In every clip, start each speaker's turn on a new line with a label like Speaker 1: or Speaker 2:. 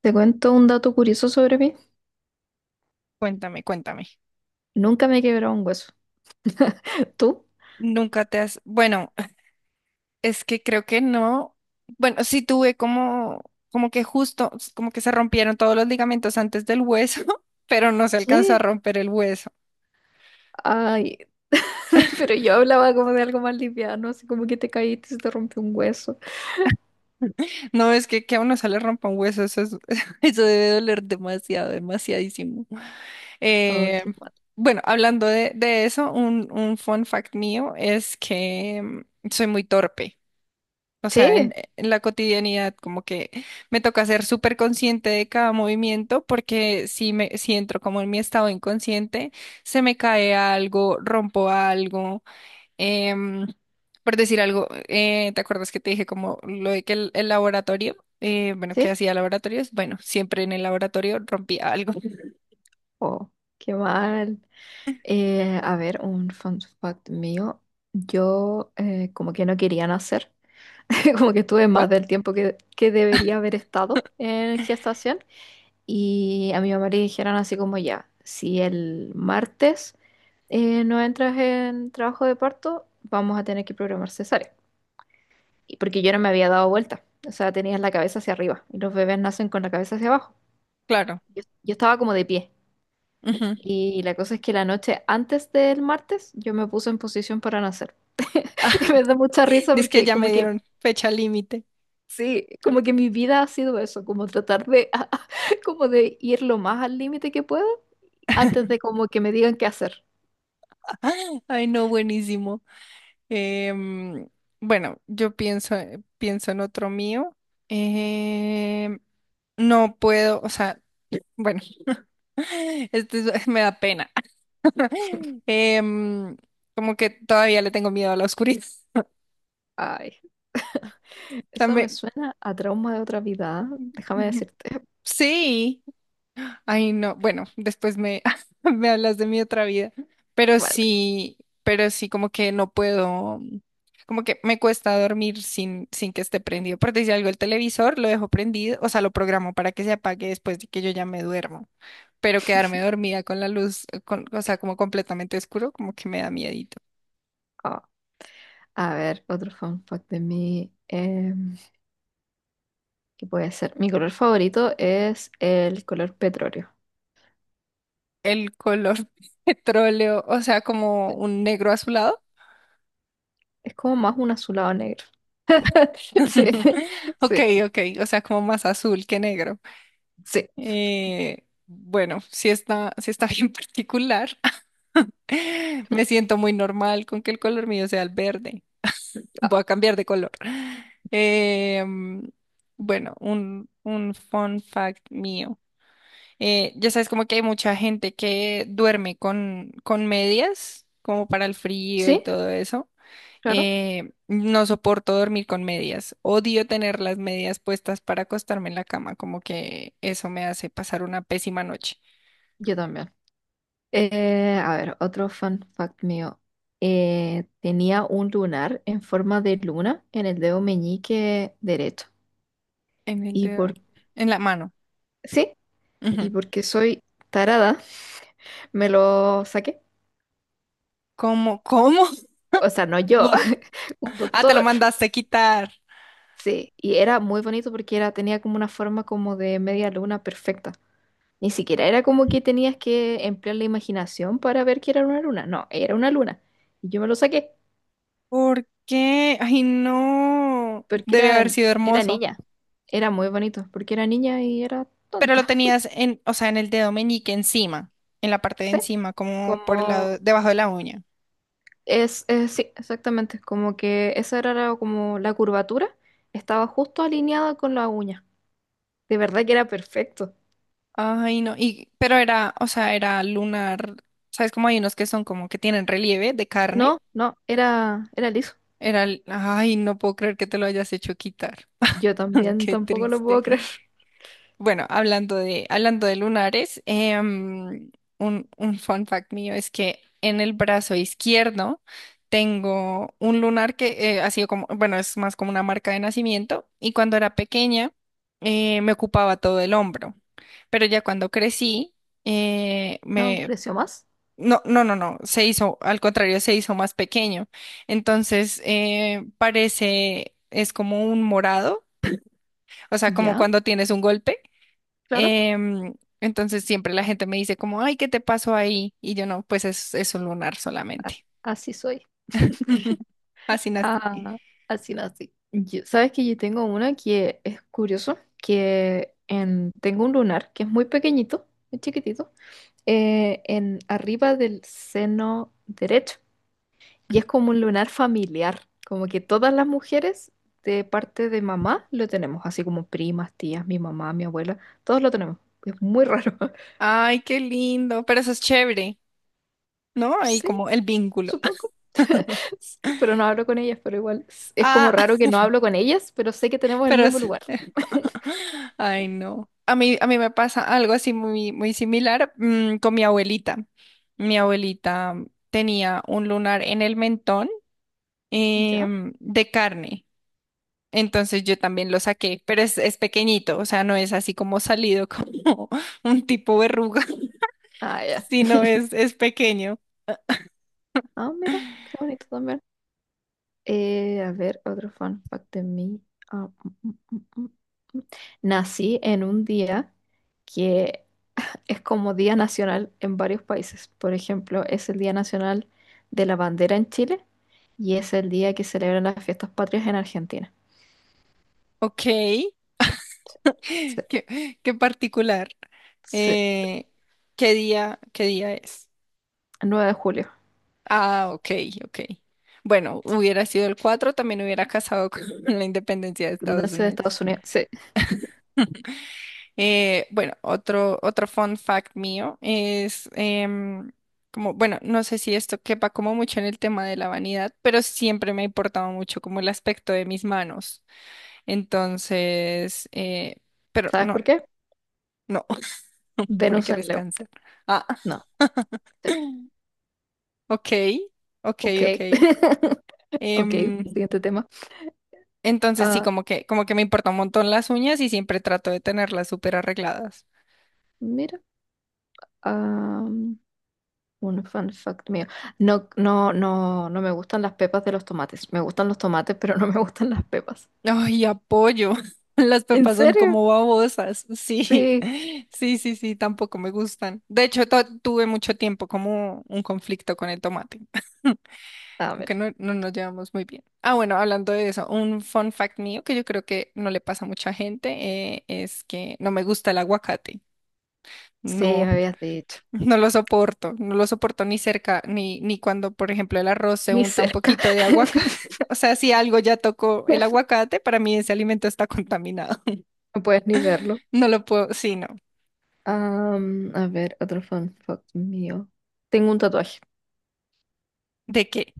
Speaker 1: Te cuento un dato curioso sobre mí.
Speaker 2: Cuéntame, cuéntame.
Speaker 1: Nunca me he quebrado un hueso. ¿Tú?
Speaker 2: Nunca te has, bueno, es que creo que no, bueno, sí tuve como, como que justo, como que se rompieron todos los ligamentos antes del hueso, pero no se alcanzó a
Speaker 1: ¿Qué?
Speaker 2: romper el hueso.
Speaker 1: Ay, pero yo hablaba como de algo más liviano, así como que te caíste y se te rompió un hueso.
Speaker 2: No, es que a uno se le rompa un hueso, eso debe doler demasiado, demasiadísimo.
Speaker 1: Oh,
Speaker 2: Eh,
Speaker 1: qué mal.
Speaker 2: bueno, hablando de eso, un fun fact mío es que soy muy torpe. O sea,
Speaker 1: Sí,
Speaker 2: en la cotidianidad, como que me toca ser súper consciente de cada movimiento, porque si entro como en mi estado inconsciente, se me cae algo, rompo algo, em, por decir algo, ¿te acuerdas que te dije como lo de que el laboratorio, bueno, que
Speaker 1: sí.
Speaker 2: hacía laboratorios? Bueno, siempre en el laboratorio rompía algo.
Speaker 1: Oh, qué mal. A ver, un fun fact mío. Yo como que no quería nacer. Como que estuve más
Speaker 2: ¿What?
Speaker 1: del tiempo que debería haber estado en gestación. Y a mi mamá le dijeron así como ya, si el martes no entras en trabajo de parto, vamos a tener que programar cesárea. Y porque yo no me había dado vuelta, o sea, tenías la cabeza hacia arriba y los bebés nacen con la cabeza hacia abajo.
Speaker 2: Claro.
Speaker 1: Yo estaba como de pie.
Speaker 2: Ujú.
Speaker 1: Y la cosa es que la noche antes del martes yo me puse en posición para nacer. Y
Speaker 2: Ah,
Speaker 1: me da mucha risa
Speaker 2: es que
Speaker 1: porque
Speaker 2: ya
Speaker 1: como
Speaker 2: me
Speaker 1: que,
Speaker 2: dieron fecha límite.
Speaker 1: sí, como que mi vida ha sido eso, como tratar de, como de ir lo más al límite que puedo antes de como que me digan qué hacer.
Speaker 2: Ay, no, buenísimo. Em, bueno, yo pienso, pienso en otro mío. Em, no puedo, o sea, bueno, me da pena. Em, Como que todavía le tengo miedo a la oscuridad.
Speaker 1: Ay,
Speaker 2: O sea,
Speaker 1: eso me suena a trauma de otra vida. ¿Ah? Déjame decirte.
Speaker 2: sí. Ay, no, bueno, me hablas de mi otra vida, pero
Speaker 1: Vale.
Speaker 2: sí, pero sí, como que no puedo, como que me cuesta dormir sin que esté prendido. Por decir algo, el televisor lo dejo prendido, o sea, lo programo para que se apague después de que yo ya me duermo, pero quedarme dormida con la luz, o sea, como completamente oscuro, como que me da miedito.
Speaker 1: Ah, a ver, otro fun fact de mí. ¿Qué puede ser? Mi color favorito es el color petróleo.
Speaker 2: El color petróleo, o sea, como un negro azulado.
Speaker 1: Es como más un azulado negro. Sí,
Speaker 2: Ok,
Speaker 1: sí,
Speaker 2: ok, o sea, como más azul que negro.
Speaker 1: sí.
Speaker 2: Bueno, si está, sí está bien particular. Me siento muy normal con que el color mío sea el verde. Voy
Speaker 1: Ah,
Speaker 2: a cambiar de color. Eh, mm, bueno, un fun fact mío. Ya sabes, como que hay mucha gente que duerme con medias, como para el frío y
Speaker 1: sí,
Speaker 2: todo eso.
Speaker 1: claro.
Speaker 2: No soporto dormir con medias. Odio tener las medias puestas para acostarme en la cama, como que eso me hace pasar una pésima noche.
Speaker 1: Yo también. A ver, otro fun fact mío. Tenía un lunar en forma de luna en el dedo meñique derecho.
Speaker 2: En el
Speaker 1: ¿Y
Speaker 2: dedo.
Speaker 1: por
Speaker 2: En la mano.
Speaker 1: Sí.
Speaker 2: Ujú.
Speaker 1: Y porque soy tarada, me lo saqué.
Speaker 2: ¿Cómo? ¿Cómo?
Speaker 1: O sea, no yo,
Speaker 2: ¿What?
Speaker 1: un
Speaker 2: Ah, te lo
Speaker 1: doctor.
Speaker 2: mandaste quitar.
Speaker 1: Sí, y era muy bonito porque era, tenía como una forma como de media luna perfecta. Ni siquiera era como que tenías que emplear la imaginación para ver que era una luna. No, era una luna. Y yo me lo saqué
Speaker 2: ¿Por qué? Ay, no.
Speaker 1: porque
Speaker 2: Debe
Speaker 1: era,
Speaker 2: haber sido
Speaker 1: era
Speaker 2: hermoso.
Speaker 1: niña. Era muy bonito porque era niña y era
Speaker 2: Pero lo
Speaker 1: tonta.
Speaker 2: tenías en, o sea, en el dedo meñique encima, en la parte de
Speaker 1: ¿Sí?
Speaker 2: encima, como por el lado,
Speaker 1: Como
Speaker 2: debajo de la uña.
Speaker 1: sí, exactamente. Como que esa era la- como la curvatura estaba justo alineada con la uña. De verdad que era perfecto.
Speaker 2: Ay, no. Y, pero era, o sea, era lunar. ¿Sabes cómo hay unos que son como que tienen relieve de carne?
Speaker 1: No, no, era, era liso.
Speaker 2: Ay, no puedo creer que te lo hayas hecho quitar.
Speaker 1: Yo también
Speaker 2: Qué
Speaker 1: tampoco lo
Speaker 2: triste.
Speaker 1: puedo creer.
Speaker 2: Bueno, hablando de lunares, un fun fact mío es que en el brazo izquierdo tengo un lunar que ha sido como, bueno, es más como una marca de nacimiento y cuando era pequeña me ocupaba todo el hombro, pero ya cuando crecí
Speaker 1: No,
Speaker 2: me...
Speaker 1: creció más.
Speaker 2: No, se hizo, al contrario, se hizo más pequeño. Entonces, parece, es como un morado, o sea, como
Speaker 1: Ya,
Speaker 2: cuando tienes un golpe.
Speaker 1: claro.
Speaker 2: Em, entonces siempre la gente me dice como, ay, ¿qué te pasó ahí? Y yo no, pues es un lunar
Speaker 1: a-
Speaker 2: solamente.
Speaker 1: Así soy.
Speaker 2: Así nací.
Speaker 1: Ah, así nací. Yo- ¿sabes que yo tengo una que es curioso? Que en, tengo un lunar que es muy pequeñito, muy chiquitito, en arriba del seno derecho. Y es como un lunar familiar, como que todas las mujeres de parte de mamá lo tenemos, así como primas, tías, mi mamá, mi abuela, todos lo tenemos. Es muy raro.
Speaker 2: Ay, qué lindo, pero eso es chévere, ¿no? Ahí
Speaker 1: Sí,
Speaker 2: como el vínculo.
Speaker 1: supongo. Sí, pero no hablo con ellas, pero igual es como
Speaker 2: Ah,
Speaker 1: raro que no hablo con ellas, pero sé que tenemos el
Speaker 2: pero
Speaker 1: mismo
Speaker 2: es-
Speaker 1: lugar.
Speaker 2: ay, no. A mí me pasa algo así muy, muy similar, con mi abuelita. Mi abuelita tenía un lunar en el mentón,
Speaker 1: ¿Ya?
Speaker 2: de carne. Entonces yo también lo saqué, pero es pequeñito, o sea, no es así como salido como un tipo verruga,
Speaker 1: Ah, ya.
Speaker 2: es pequeño.
Speaker 1: Ah, mira, qué bonito también. A ver, otro fun fact de mí. Ah, mm, mm, mm, mm, mm. Nací en un día que es como día nacional en varios países. Por ejemplo, es el Día Nacional de la Bandera en Chile y es el día que celebran las fiestas patrias en Argentina.
Speaker 2: Ok,
Speaker 1: Sí,
Speaker 2: qué particular.
Speaker 1: sí,
Speaker 2: Eh, ¿Qué día, qué día es?
Speaker 1: el de julio.
Speaker 2: Ah, ok, ok. Bueno, hubiera sido el 4 también hubiera casado con la independencia de Estados
Speaker 1: Independencia de
Speaker 2: Unidos.
Speaker 1: Estados Unidos. Sí.
Speaker 2: Bueno, otro fun fact mío es como, bueno, no sé si esto quepa como mucho en el tema de la vanidad, pero siempre me ha importado mucho como el aspecto de mis manos. Entonces, pero
Speaker 1: ¿Sabes
Speaker 2: no,
Speaker 1: por qué?
Speaker 2: no,
Speaker 1: Venus
Speaker 2: porque
Speaker 1: en
Speaker 2: eres
Speaker 1: Leo.
Speaker 2: cáncer. Ah,
Speaker 1: No. Sí.
Speaker 2: ok, ok,
Speaker 1: Ok.
Speaker 2: ok.
Speaker 1: Ok,
Speaker 2: Em,
Speaker 1: siguiente tema.
Speaker 2: entonces sí,
Speaker 1: Ah,
Speaker 2: como que me importa un montón las uñas y siempre trato de tenerlas súper arregladas.
Speaker 1: mira, ah, un fun fact mío. No, no, no, no me gustan las pepas de los tomates. Me gustan los tomates, pero no me gustan las pepas.
Speaker 2: Ay, apoyo. Las
Speaker 1: ¿En
Speaker 2: pepas son
Speaker 1: serio?
Speaker 2: como babosas. Sí,
Speaker 1: Sí.
Speaker 2: sí, sí, sí, tampoco me gustan. De hecho, tuve mucho tiempo como un conflicto con el tomate,
Speaker 1: Ah,
Speaker 2: como que
Speaker 1: mira.
Speaker 2: no, no nos llevamos muy bien. Ah, bueno, hablando de eso, un fun fact mío que yo creo que no le pasa a mucha gente es que no me gusta el aguacate.
Speaker 1: Sí, me
Speaker 2: No.
Speaker 1: habías dicho.
Speaker 2: No lo soporto, no lo soporto ni cerca, ni cuando, por ejemplo, el arroz se
Speaker 1: Ni
Speaker 2: unta un
Speaker 1: cerca.
Speaker 2: poquito de aguacate. O sea, si algo ya tocó el aguacate, para mí ese alimento está contaminado.
Speaker 1: No puedes ni verlo.
Speaker 2: No lo puedo, sí, no.
Speaker 1: A ver, otro fun fact mío. Tengo un tatuaje.
Speaker 2: ¿De qué?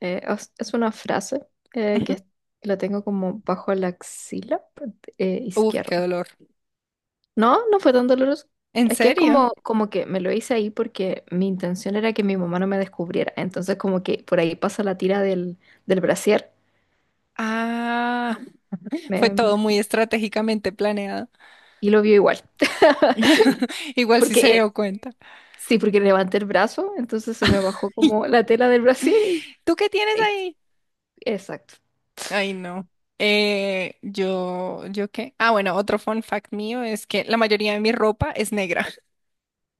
Speaker 1: Es una frase que
Speaker 2: Ujú.
Speaker 1: la tengo como bajo la axila
Speaker 2: Uf, qué
Speaker 1: izquierda.
Speaker 2: dolor.
Speaker 1: No, no fue tan doloroso.
Speaker 2: ¿En
Speaker 1: Es que es
Speaker 2: serio?
Speaker 1: como, como que me lo hice ahí porque mi intención era que mi mamá no me descubriera. Entonces como que por ahí pasa la tira del brasier
Speaker 2: Ah, fue
Speaker 1: me- me-
Speaker 2: todo muy estratégicamente planeado.
Speaker 1: y lo vio igual.
Speaker 2: Igual sí se
Speaker 1: Porque
Speaker 2: dio cuenta.
Speaker 1: sí, porque levanté el brazo, entonces se me bajó como la tela del brasier y...
Speaker 2: ¿Tú qué tienes
Speaker 1: y-
Speaker 2: ahí?
Speaker 1: Exacto.
Speaker 2: Ay, no. ¿Yo qué? Ah, bueno, otro fun fact mío es que la mayoría de mi ropa es negra.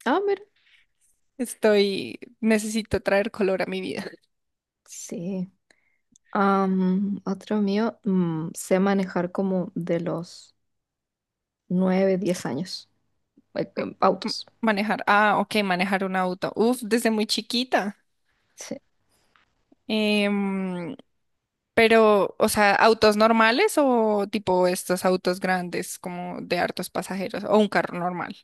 Speaker 1: Ah, mira.
Speaker 2: Estoy, necesito traer color a mi vida.
Speaker 1: Sí. Otro mío, sé manejar como de los 9 o 10 años.
Speaker 2: M-
Speaker 1: Autos.
Speaker 2: Manejar, ah, ok, manejar un auto. Uf, desde muy chiquita.
Speaker 1: Sí.
Speaker 2: Em, pero, o sea, autos normales o tipo estos autos grandes como de hartos pasajeros o un carro normal.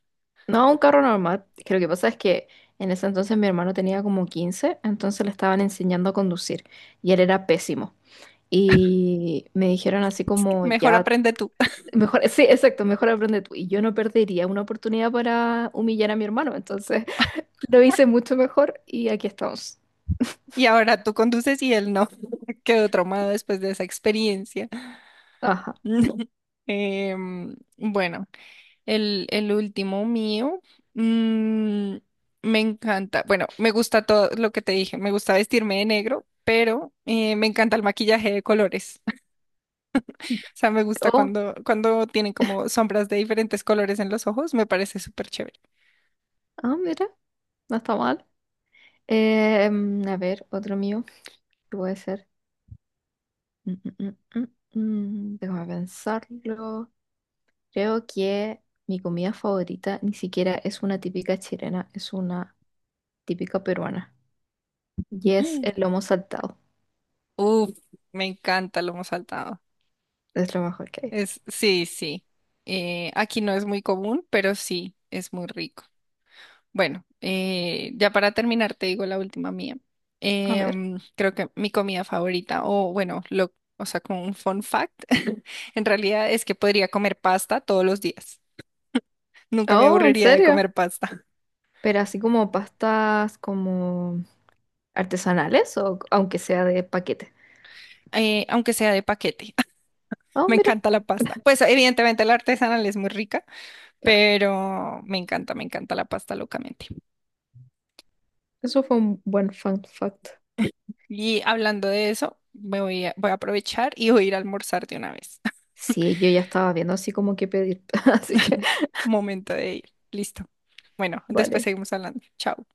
Speaker 1: No, un carro normal. Que lo que pasa es que en ese entonces mi hermano tenía como 15, entonces le estaban enseñando a conducir y él era pésimo. Y me dijeron así
Speaker 2: Es que
Speaker 1: como,
Speaker 2: mejor
Speaker 1: ya
Speaker 2: aprende tú.
Speaker 1: mejor, sí, exacto, mejor aprende tú. Y yo no perdería una oportunidad para humillar a mi hermano. Entonces lo hice mucho mejor y aquí estamos.
Speaker 2: Y ahora tú conduces y él no. Quedó traumado después de esa experiencia.
Speaker 1: Ajá.
Speaker 2: Bueno. El último mío, mm, me encanta, bueno, me gusta todo lo que te dije, me gusta vestirme de negro, pero me encanta el maquillaje de colores. O sea, me gusta
Speaker 1: Oh,
Speaker 2: cuando, cuando tienen como sombras de diferentes colores en los ojos, me parece súper chévere.
Speaker 1: ah, mira, no está mal. A ver, otro mío. ¿Qué puede ser? Mm, mm, mm, mm, Déjame pensarlo. Creo que mi comida favorita ni siquiera es una típica chilena, es una típica peruana. Y es el
Speaker 2: Mm.
Speaker 1: lomo saltado.
Speaker 2: Uf, me encanta lo hemos saltado.
Speaker 1: Es lo mejor que hay.
Speaker 2: Es, sí, sí. Aquí no es muy común, pero sí, es muy rico. Bueno, ya para terminar, te digo la última mía.
Speaker 1: A ver.
Speaker 2: Creo que mi comida favorita, o bueno, lo, o sea, como un fun fact, en realidad es que podría comer pasta todos los días. Nunca me
Speaker 1: Oh, ¿en
Speaker 2: aburriría de
Speaker 1: serio?
Speaker 2: comer pasta,
Speaker 1: Pero así como pastas como artesanales o aunque sea de paquete.
Speaker 2: aunque sea de paquete.
Speaker 1: Ah,
Speaker 2: Me
Speaker 1: mira,
Speaker 2: encanta la pasta. Pues evidentemente la artesanal es muy rica,
Speaker 1: claro.
Speaker 2: pero me encanta la pasta locamente.
Speaker 1: Eso fue un buen fun fact.
Speaker 2: Y hablando de eso, me voy voy a aprovechar y voy a ir a almorzar de una vez.
Speaker 1: Sí, yo ya estaba viendo así como que pedir. Así que,
Speaker 2: Momento de ir. Listo. Bueno, después
Speaker 1: vale.
Speaker 2: seguimos hablando. Chao.